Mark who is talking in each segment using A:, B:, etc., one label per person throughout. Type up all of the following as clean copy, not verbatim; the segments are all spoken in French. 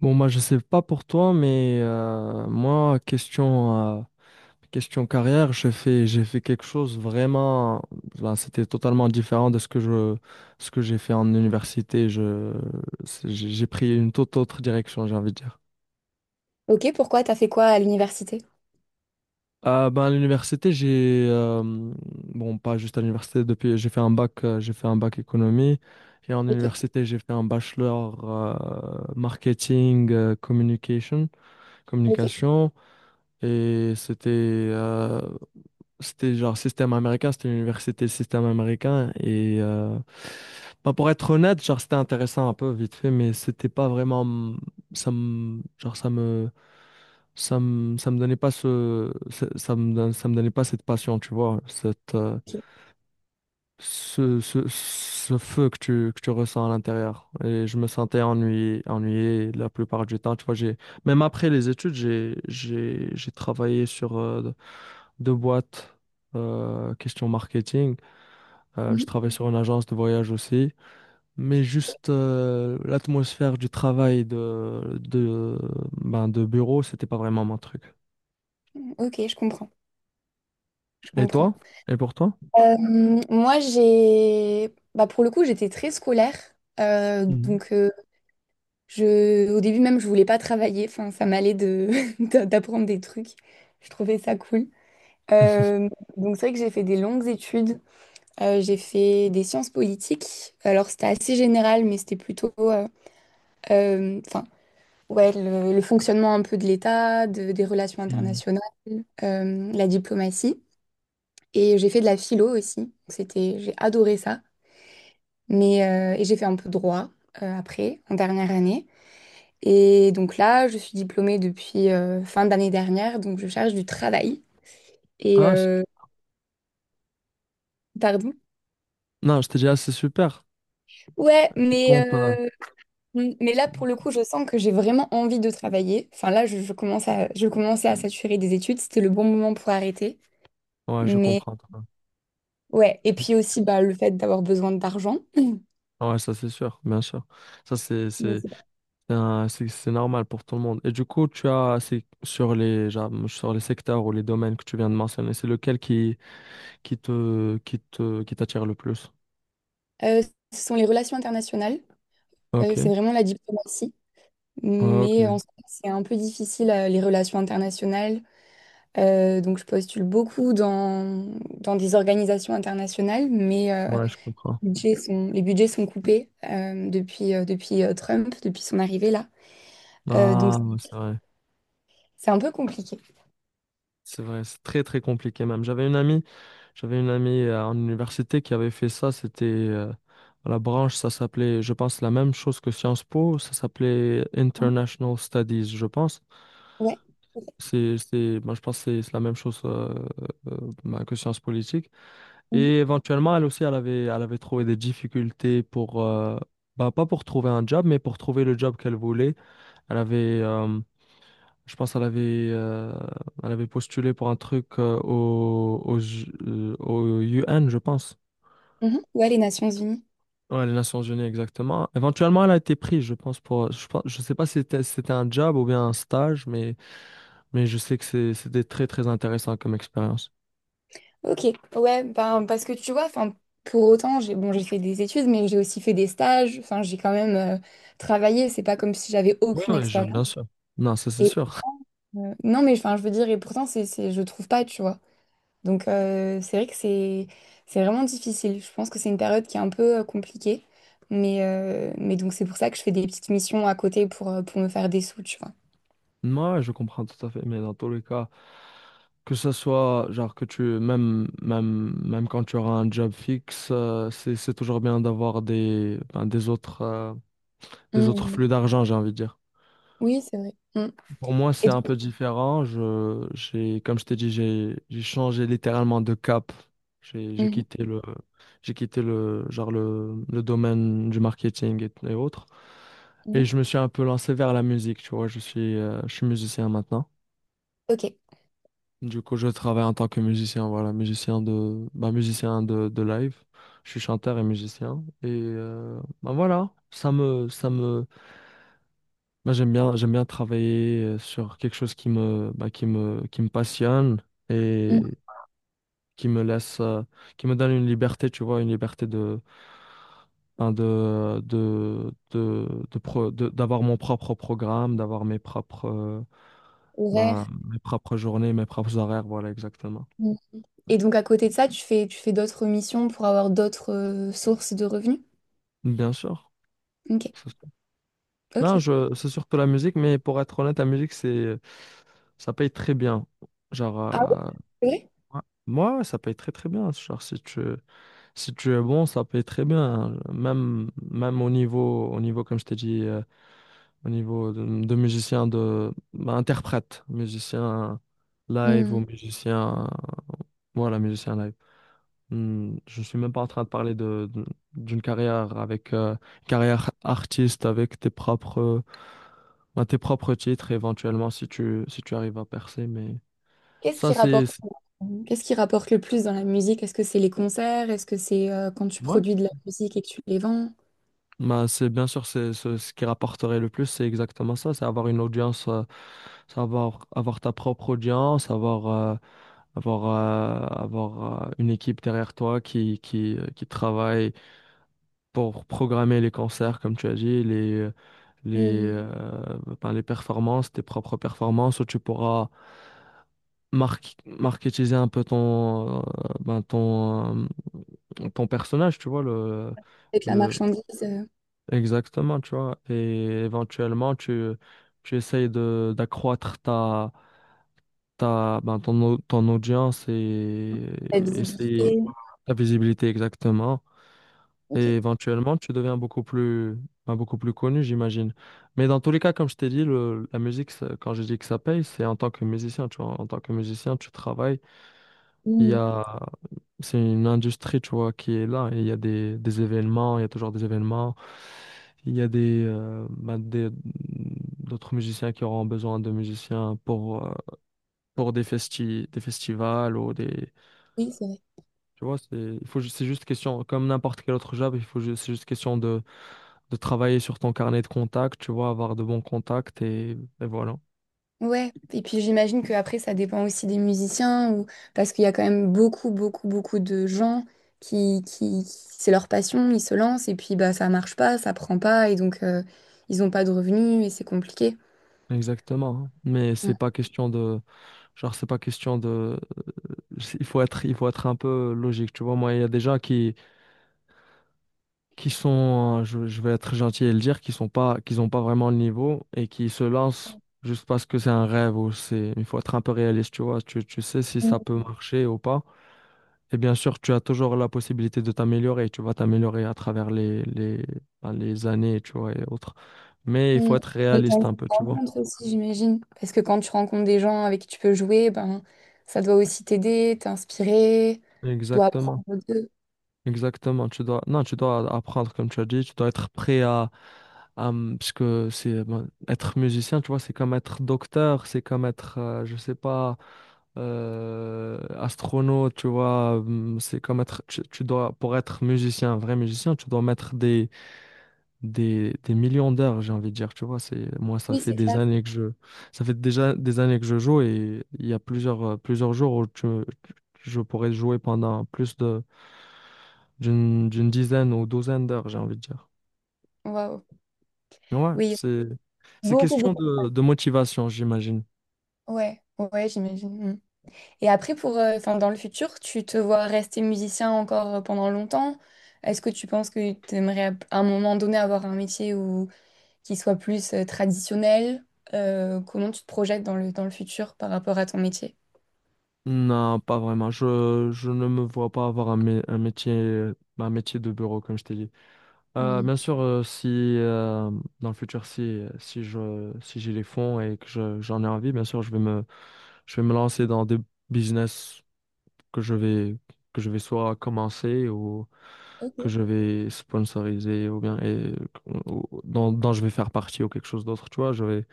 A: Bon, moi, je sais pas pour toi, mais moi, question carrière, j'ai fait quelque chose vraiment. Là, c'était totalement différent de ce ce que j'ai fait en université. J'ai pris une toute autre direction, j'ai envie de dire.
B: Ok, pourquoi? T'as fait quoi à l'université?
A: Ben, à l'université, j'ai. Bon, pas juste à l'université, depuis, j'ai fait un bac, j'ai fait un bac économie. Et en
B: Ok,
A: université, j'ai fait un bachelor marketing, communication,
B: ok.
A: communication. Et c'était genre système américain, c'était une université système américain. Bah, pour être honnête, genre c'était intéressant un peu vite fait, mais c'était pas vraiment ça me genre ça me ça me donnait pas ce ça, ça me don- ça me donnait pas cette passion, tu vois, ce feu que tu ressens à l'intérieur. Et je me sentais ennuyé, ennuyé la plupart du temps. Tu vois, même après les études, j'ai travaillé sur deux boîtes question marketing. Je
B: Mhm.
A: travaille sur une agence de voyage aussi. Mais juste l'atmosphère du travail de bureau, c'était pas vraiment mon truc.
B: Ok, je comprends. Je
A: Et
B: comprends.
A: toi? Et pour toi?
B: Euh, Moi, j'ai, bah, pour le coup, j'étais très scolaire. Euh,
A: Mhm.
B: donc, euh, je, au début même, je voulais pas travailler. Enfin, ça m'allait de d'apprendre des trucs. Je trouvais ça cool. Euh, c'est vrai que j'ai fait des longues études. J'ai fait des sciences politiques. Alors, c'était assez général, mais c'était plutôt, euh, enfin, ouais, le fonctionnement un peu de l'État, des relations
A: Mhm.
B: internationales, la diplomatie. Et j'ai fait de la philo aussi. Donc c'était, j'ai adoré ça. Mais, et j'ai fait un peu de droit après, en dernière année. Et donc là, je suis diplômée depuis fin d'année dernière, donc je cherche du travail. Et
A: Ah, c'est-
B: pardon.
A: non, je t'ai dit, ah, c'est super.
B: Ouais,
A: Tu comptes.
B: mais là, pour le coup, je sens que j'ai vraiment envie de travailler. Enfin là, je commence à, je commençais à saturer des études. C'était le bon moment pour arrêter.
A: Ouais, je
B: Mais
A: comprends.
B: ouais, et puis aussi bah, le fait d'avoir besoin d'argent.
A: Ouais, ça c'est sûr, bien sûr. Ça
B: Mais c'est pas-
A: c'est un- c'est- C'est normal pour tout le monde. Et du coup, tu as c'est sur les genre, sur les secteurs ou les domaines que tu viens de mentionner, c'est lequel qui t'attire le plus?
B: Euh, Ce sont les relations internationales.
A: Ok,
B: C'est vraiment la diplomatie, mais
A: ok,
B: en soi, c'est un peu difficile les relations internationales. Donc je postule beaucoup dans des organisations internationales, mais
A: ouais, je comprends.
B: les budgets sont coupés depuis Trump, depuis son arrivée là. Donc
A: Ah, ouais, c'est vrai,
B: c'est un peu compliqué.
A: c'est vrai, c'est très très compliqué même. J'avais une amie en université qui avait fait ça. C'était la branche, ça s'appelait, je pense, la même chose que Sciences Po, ça s'appelait
B: Ouais.
A: International Studies, je pense.
B: Ouais.
A: Moi, je pense que c'est la même chose bah, que sciences politiques.
B: Mhm.
A: Et éventuellement, elle aussi, elle avait trouvé des difficultés pour, bah, pas pour trouver un job, mais pour trouver le job qu'elle voulait. Elle avait, je pense, elle avait postulé pour un truc au UN, je pense.
B: Mhm. Ouais, les Nations Unies.
A: Ouais, les Nations Unies, exactement. Éventuellement, elle a été prise, je pense, pour, je pense, je sais pas si c'était un job ou bien un stage, mais je sais que c'était très, très intéressant comme expérience.
B: Ok, ouais, ben, parce que tu vois, enfin, pour autant, j'ai bon, j'ai fait des études, mais j'ai aussi fait des stages, enfin, j'ai quand même travaillé, c'est pas comme si j'avais
A: Oui,
B: aucune
A: oui, bien
B: expérience.
A: sûr. Non, ça c'est
B: Et
A: sûr.
B: non, mais enfin, je veux dire, et pourtant, c'est, je trouve pas, tu vois. Donc, c'est vrai que c'est vraiment difficile. Je pense que c'est une période qui est un peu compliquée, mais, c'est pour ça que je fais des petites missions à côté pour me faire des sous, tu vois.
A: Moi, ouais, je comprends tout à fait, mais dans tous les cas, que ce soit, genre, que tu, même, même, même quand tu auras un job fixe, c'est toujours bien d'avoir des, ben, des autres
B: Mm.
A: flux d'argent, j'ai envie de dire.
B: Oui, c'est vrai. Mm.
A: Pour moi,
B: Et
A: c'est
B: donc-
A: un peu différent. Comme je t'ai dit, j'ai changé littéralement de cap. J'ai
B: Mhm.
A: quitté j'ai quitté le, genre le domaine du marketing et autres. Et
B: Mhm.
A: je me suis un peu lancé vers la musique, tu vois. Je suis musicien maintenant.
B: Ok.
A: Du coup, je travaille en tant que musicien, voilà, musicien de, bah, musicien de live. Je suis chanteur et musicien. Bah, voilà, moi, j'aime bien travailler sur quelque chose qui me, bah, qui me passionne et
B: Mm.
A: qui me laisse, qui me donne une liberté, tu vois, une liberté de, ben, de d'avoir mon propre programme, d'avoir mes propres,
B: Horaire.
A: ben, mes propres journées, mes propres horaires, voilà, exactement.
B: Et donc à côté de ça, tu fais d'autres missions pour avoir d'autres sources de revenus?
A: Bien sûr.
B: Ok,
A: C'est sûr. Non,
B: ok.
A: je, c'est surtout la musique, mais pour être honnête, la musique, c'est, ça paye très bien. Genre,
B: Ah oui, c'est vrai?
A: ouais, moi, ça paye très très bien. Si tu es bon, ça paye très bien. Hein. Même, au niveau, comme je t'ai dit, au niveau de musicien, de, bah, interprète, musicien live
B: Hmm.
A: ou musicien, voilà, musicien live. Hmm, je suis même pas en train de parler d'une carrière avec, carrière artiste avec tes propres, bah, tes propres titres éventuellement si tu arrives à percer. Mais
B: Qu'est-ce
A: ça,
B: qui rapporte, qu'est-ce qui rapporte le plus dans la musique? Est-ce que c'est les concerts? Est-ce que c'est quand tu
A: ouais.
B: produis de la musique et que tu les vends?
A: Bah, c'est bien sûr c'est ce qui rapporterait le plus, c'est exactement ça, c'est avoir une audience, c'est avoir, avoir ta propre audience, avoir une équipe derrière toi qui travaille pour programmer les concerts, comme tu as dit, les,
B: Hmm.
A: euh, ben, les performances, tes propres performances, où tu pourras mar marketiser un peu ton, ben, ton, ton personnage, tu vois,
B: Avec la
A: le,
B: marchandise,
A: Exactement, tu vois. Et éventuellement, tu essayes de, d'accroître ta, ta, ben, ton, au- ton audience et
B: la
A: essayer
B: visibilité.
A: ta visibilité exactement.
B: Ok.
A: Et éventuellement, tu deviens beaucoup plus, ben, beaucoup plus connu, j'imagine. Mais dans tous les cas, comme je t'ai dit, la musique, quand je dis que ça paye, c'est en tant que musicien, tu vois. En tant que musicien, tu travailles. Il y
B: Hmm.
A: a, c'est une industrie, tu vois, qui est là. Et il y a des événements, il y a toujours des événements. Il y a des, bah, d'autres musiciens qui auront besoin de musiciens pour des des festivals ou des,
B: Oui, c'est vrai.
A: tu vois, c'est, c'est juste question, comme n'importe quel autre job, c'est juste question de travailler sur ton carnet de contacts, tu vois, avoir de bons contacts et voilà.
B: Ouais, et puis j'imagine que après ça dépend aussi des musiciens ou parce qu'il y a quand même beaucoup beaucoup beaucoup de gens qui c'est leur passion, ils se lancent et puis bah ça marche pas, ça prend pas et donc ils ont pas de revenus et c'est compliqué.
A: Exactement. Hein. Mais c'est pas question de, genre, c'est pas question de il faut être un peu logique, tu vois. Moi, il y a des gens qui sont, je vais être gentil et le dire, qui sont pas, qui ont pas vraiment le niveau et qui se lancent juste parce que c'est un rêve ou c'est, il faut être un peu réaliste, tu vois. Tu sais si ça
B: Mm.
A: peut marcher ou pas. Et bien sûr, tu as toujours la possibilité de t'améliorer. Tu vas t'améliorer à travers ben, les années, tu vois, et autres. Mais il
B: Mm.
A: faut être
B: Et t'as
A: réaliste
B: une
A: un peu, tu vois.
B: rencontre aussi, j'imagine, parce que quand tu rencontres des gens avec qui tu peux jouer, ben ça doit aussi t'aider, t'inspirer, tu dois apprendre
A: Exactement.
B: d'eux.
A: Exactement, tu dois, non, tu dois apprendre comme tu as dit, tu dois être prêt à, parce que c'est bon, être musicien, tu vois, c'est comme être docteur, c'est comme être, je sais pas, astronaute, tu vois, c'est comme être, tu dois, pour être musicien, un vrai musicien, tu dois mettre des des millions d'heures, j'ai envie de dire, tu vois, c'est moi ça
B: Oui,
A: fait
B: c'est
A: des
B: clair.
A: années que je ça fait déjà des années que je joue et il y a plusieurs plusieurs jours où tu- je pourrais jouer pendant plus de d'une dizaine ou douzaine d'heures, j'ai envie de dire.
B: Waouh.
A: Ouais,
B: Oui,
A: c'est
B: beaucoup
A: question
B: beaucoup.
A: de motivation, j'imagine.
B: Ouais, ouais, j'imagine. Mmh. Et après, pour, dans le futur, tu te vois rester musicien encore pendant longtemps? Est-ce que tu penses que tu aimerais à un moment donné avoir un métier où, qui soit plus traditionnel? Comment tu te projettes dans dans le futur par rapport à ton métier?
A: Non, pas vraiment. Je ne me vois pas avoir un, un métier de bureau comme je t'ai dit.
B: Hmm,
A: Bien sûr, si dans le futur, si si je si j'ai les fonds et que j'en ai envie, bien sûr, je vais me lancer dans des business que je vais que je vais soit commencer ou que
B: ok.
A: je vais sponsoriser ou bien et dont, dont je vais faire partie ou quelque chose d'autre. Tu vois,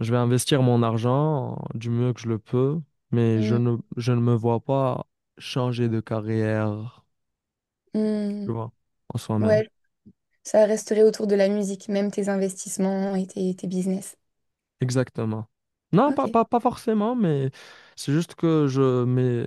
A: je vais investir mon argent du mieux que je le peux, mais
B: Mm,
A: je ne me vois pas changer de carrière,
B: mm,
A: tu vois, en soi-même.
B: ouais, ça resterait autour de la musique, même tes investissements et tes business.
A: Exactement. Non, pas,
B: Ok.
A: pas, pas forcément, mais c'est juste que je, mais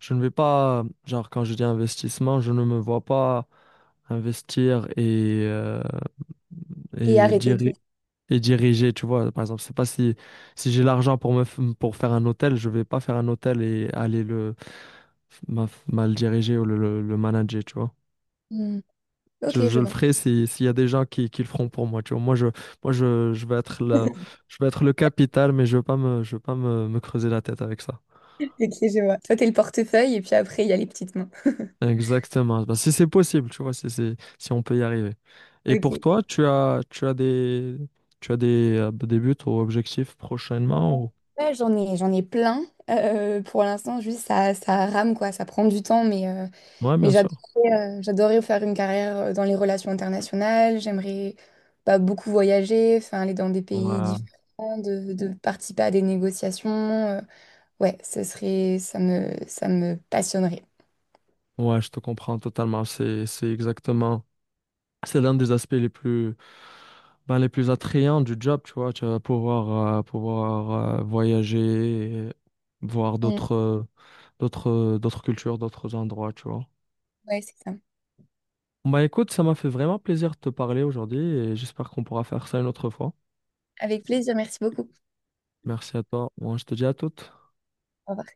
A: je ne vais pas, genre quand je dis investissement, je ne me vois pas investir
B: Et
A: et,
B: arrêter de...
A: et diriger, tu vois. Par exemple, c'est pas si, si j'ai l'argent pour me, pour faire un hôtel, je vais pas faire un hôtel et aller le, mal diriger ou le manager, tu vois.
B: Mm, ok,
A: Je
B: je
A: le
B: vois.
A: ferai s'il y a des gens qui le feront pour moi. Tu vois, moi je vais être je vais être le capital, mais je ne veux pas me, je veux pas me, me creuser la tête avec ça.
B: Ok, je vois. Toi, t'es le portefeuille et puis après, il y a les petites mains.
A: Exactement. Bah, si c'est possible, tu vois, si on peut y arriver. Et pour
B: Ok.
A: toi, tu as des buts ou objectifs prochainement ou...
B: Ouais, j'en ai plein. Pour l'instant, juste ça, ça rame, quoi. Ça prend du temps,
A: Ouais,
B: mais
A: bien sûr.
B: j'adorais, j'adorais faire une carrière dans les relations internationales. J'aimerais bah, beaucoup voyager, enfin, aller dans des pays
A: Ouais,
B: différents, de participer à des négociations. Ouais, ce serait, ça me passionnerait.
A: ouais, je te comprends totalement. C'est exactement. C'est l'un des aspects les plus, ben, les plus attrayants du job, tu vois. Tu vas pouvoir, pouvoir voyager, et voir
B: Mm,
A: d'autres, d'autres cultures, d'autres endroits, tu vois.
B: ouais, c'est ça.
A: Bah écoute, ça m'a fait vraiment plaisir de te parler aujourd'hui et j'espère qu'on pourra faire ça une autre fois.
B: Avec plaisir, merci beaucoup.
A: Merci à toi. Moi, je te dis à toute.
B: Au revoir.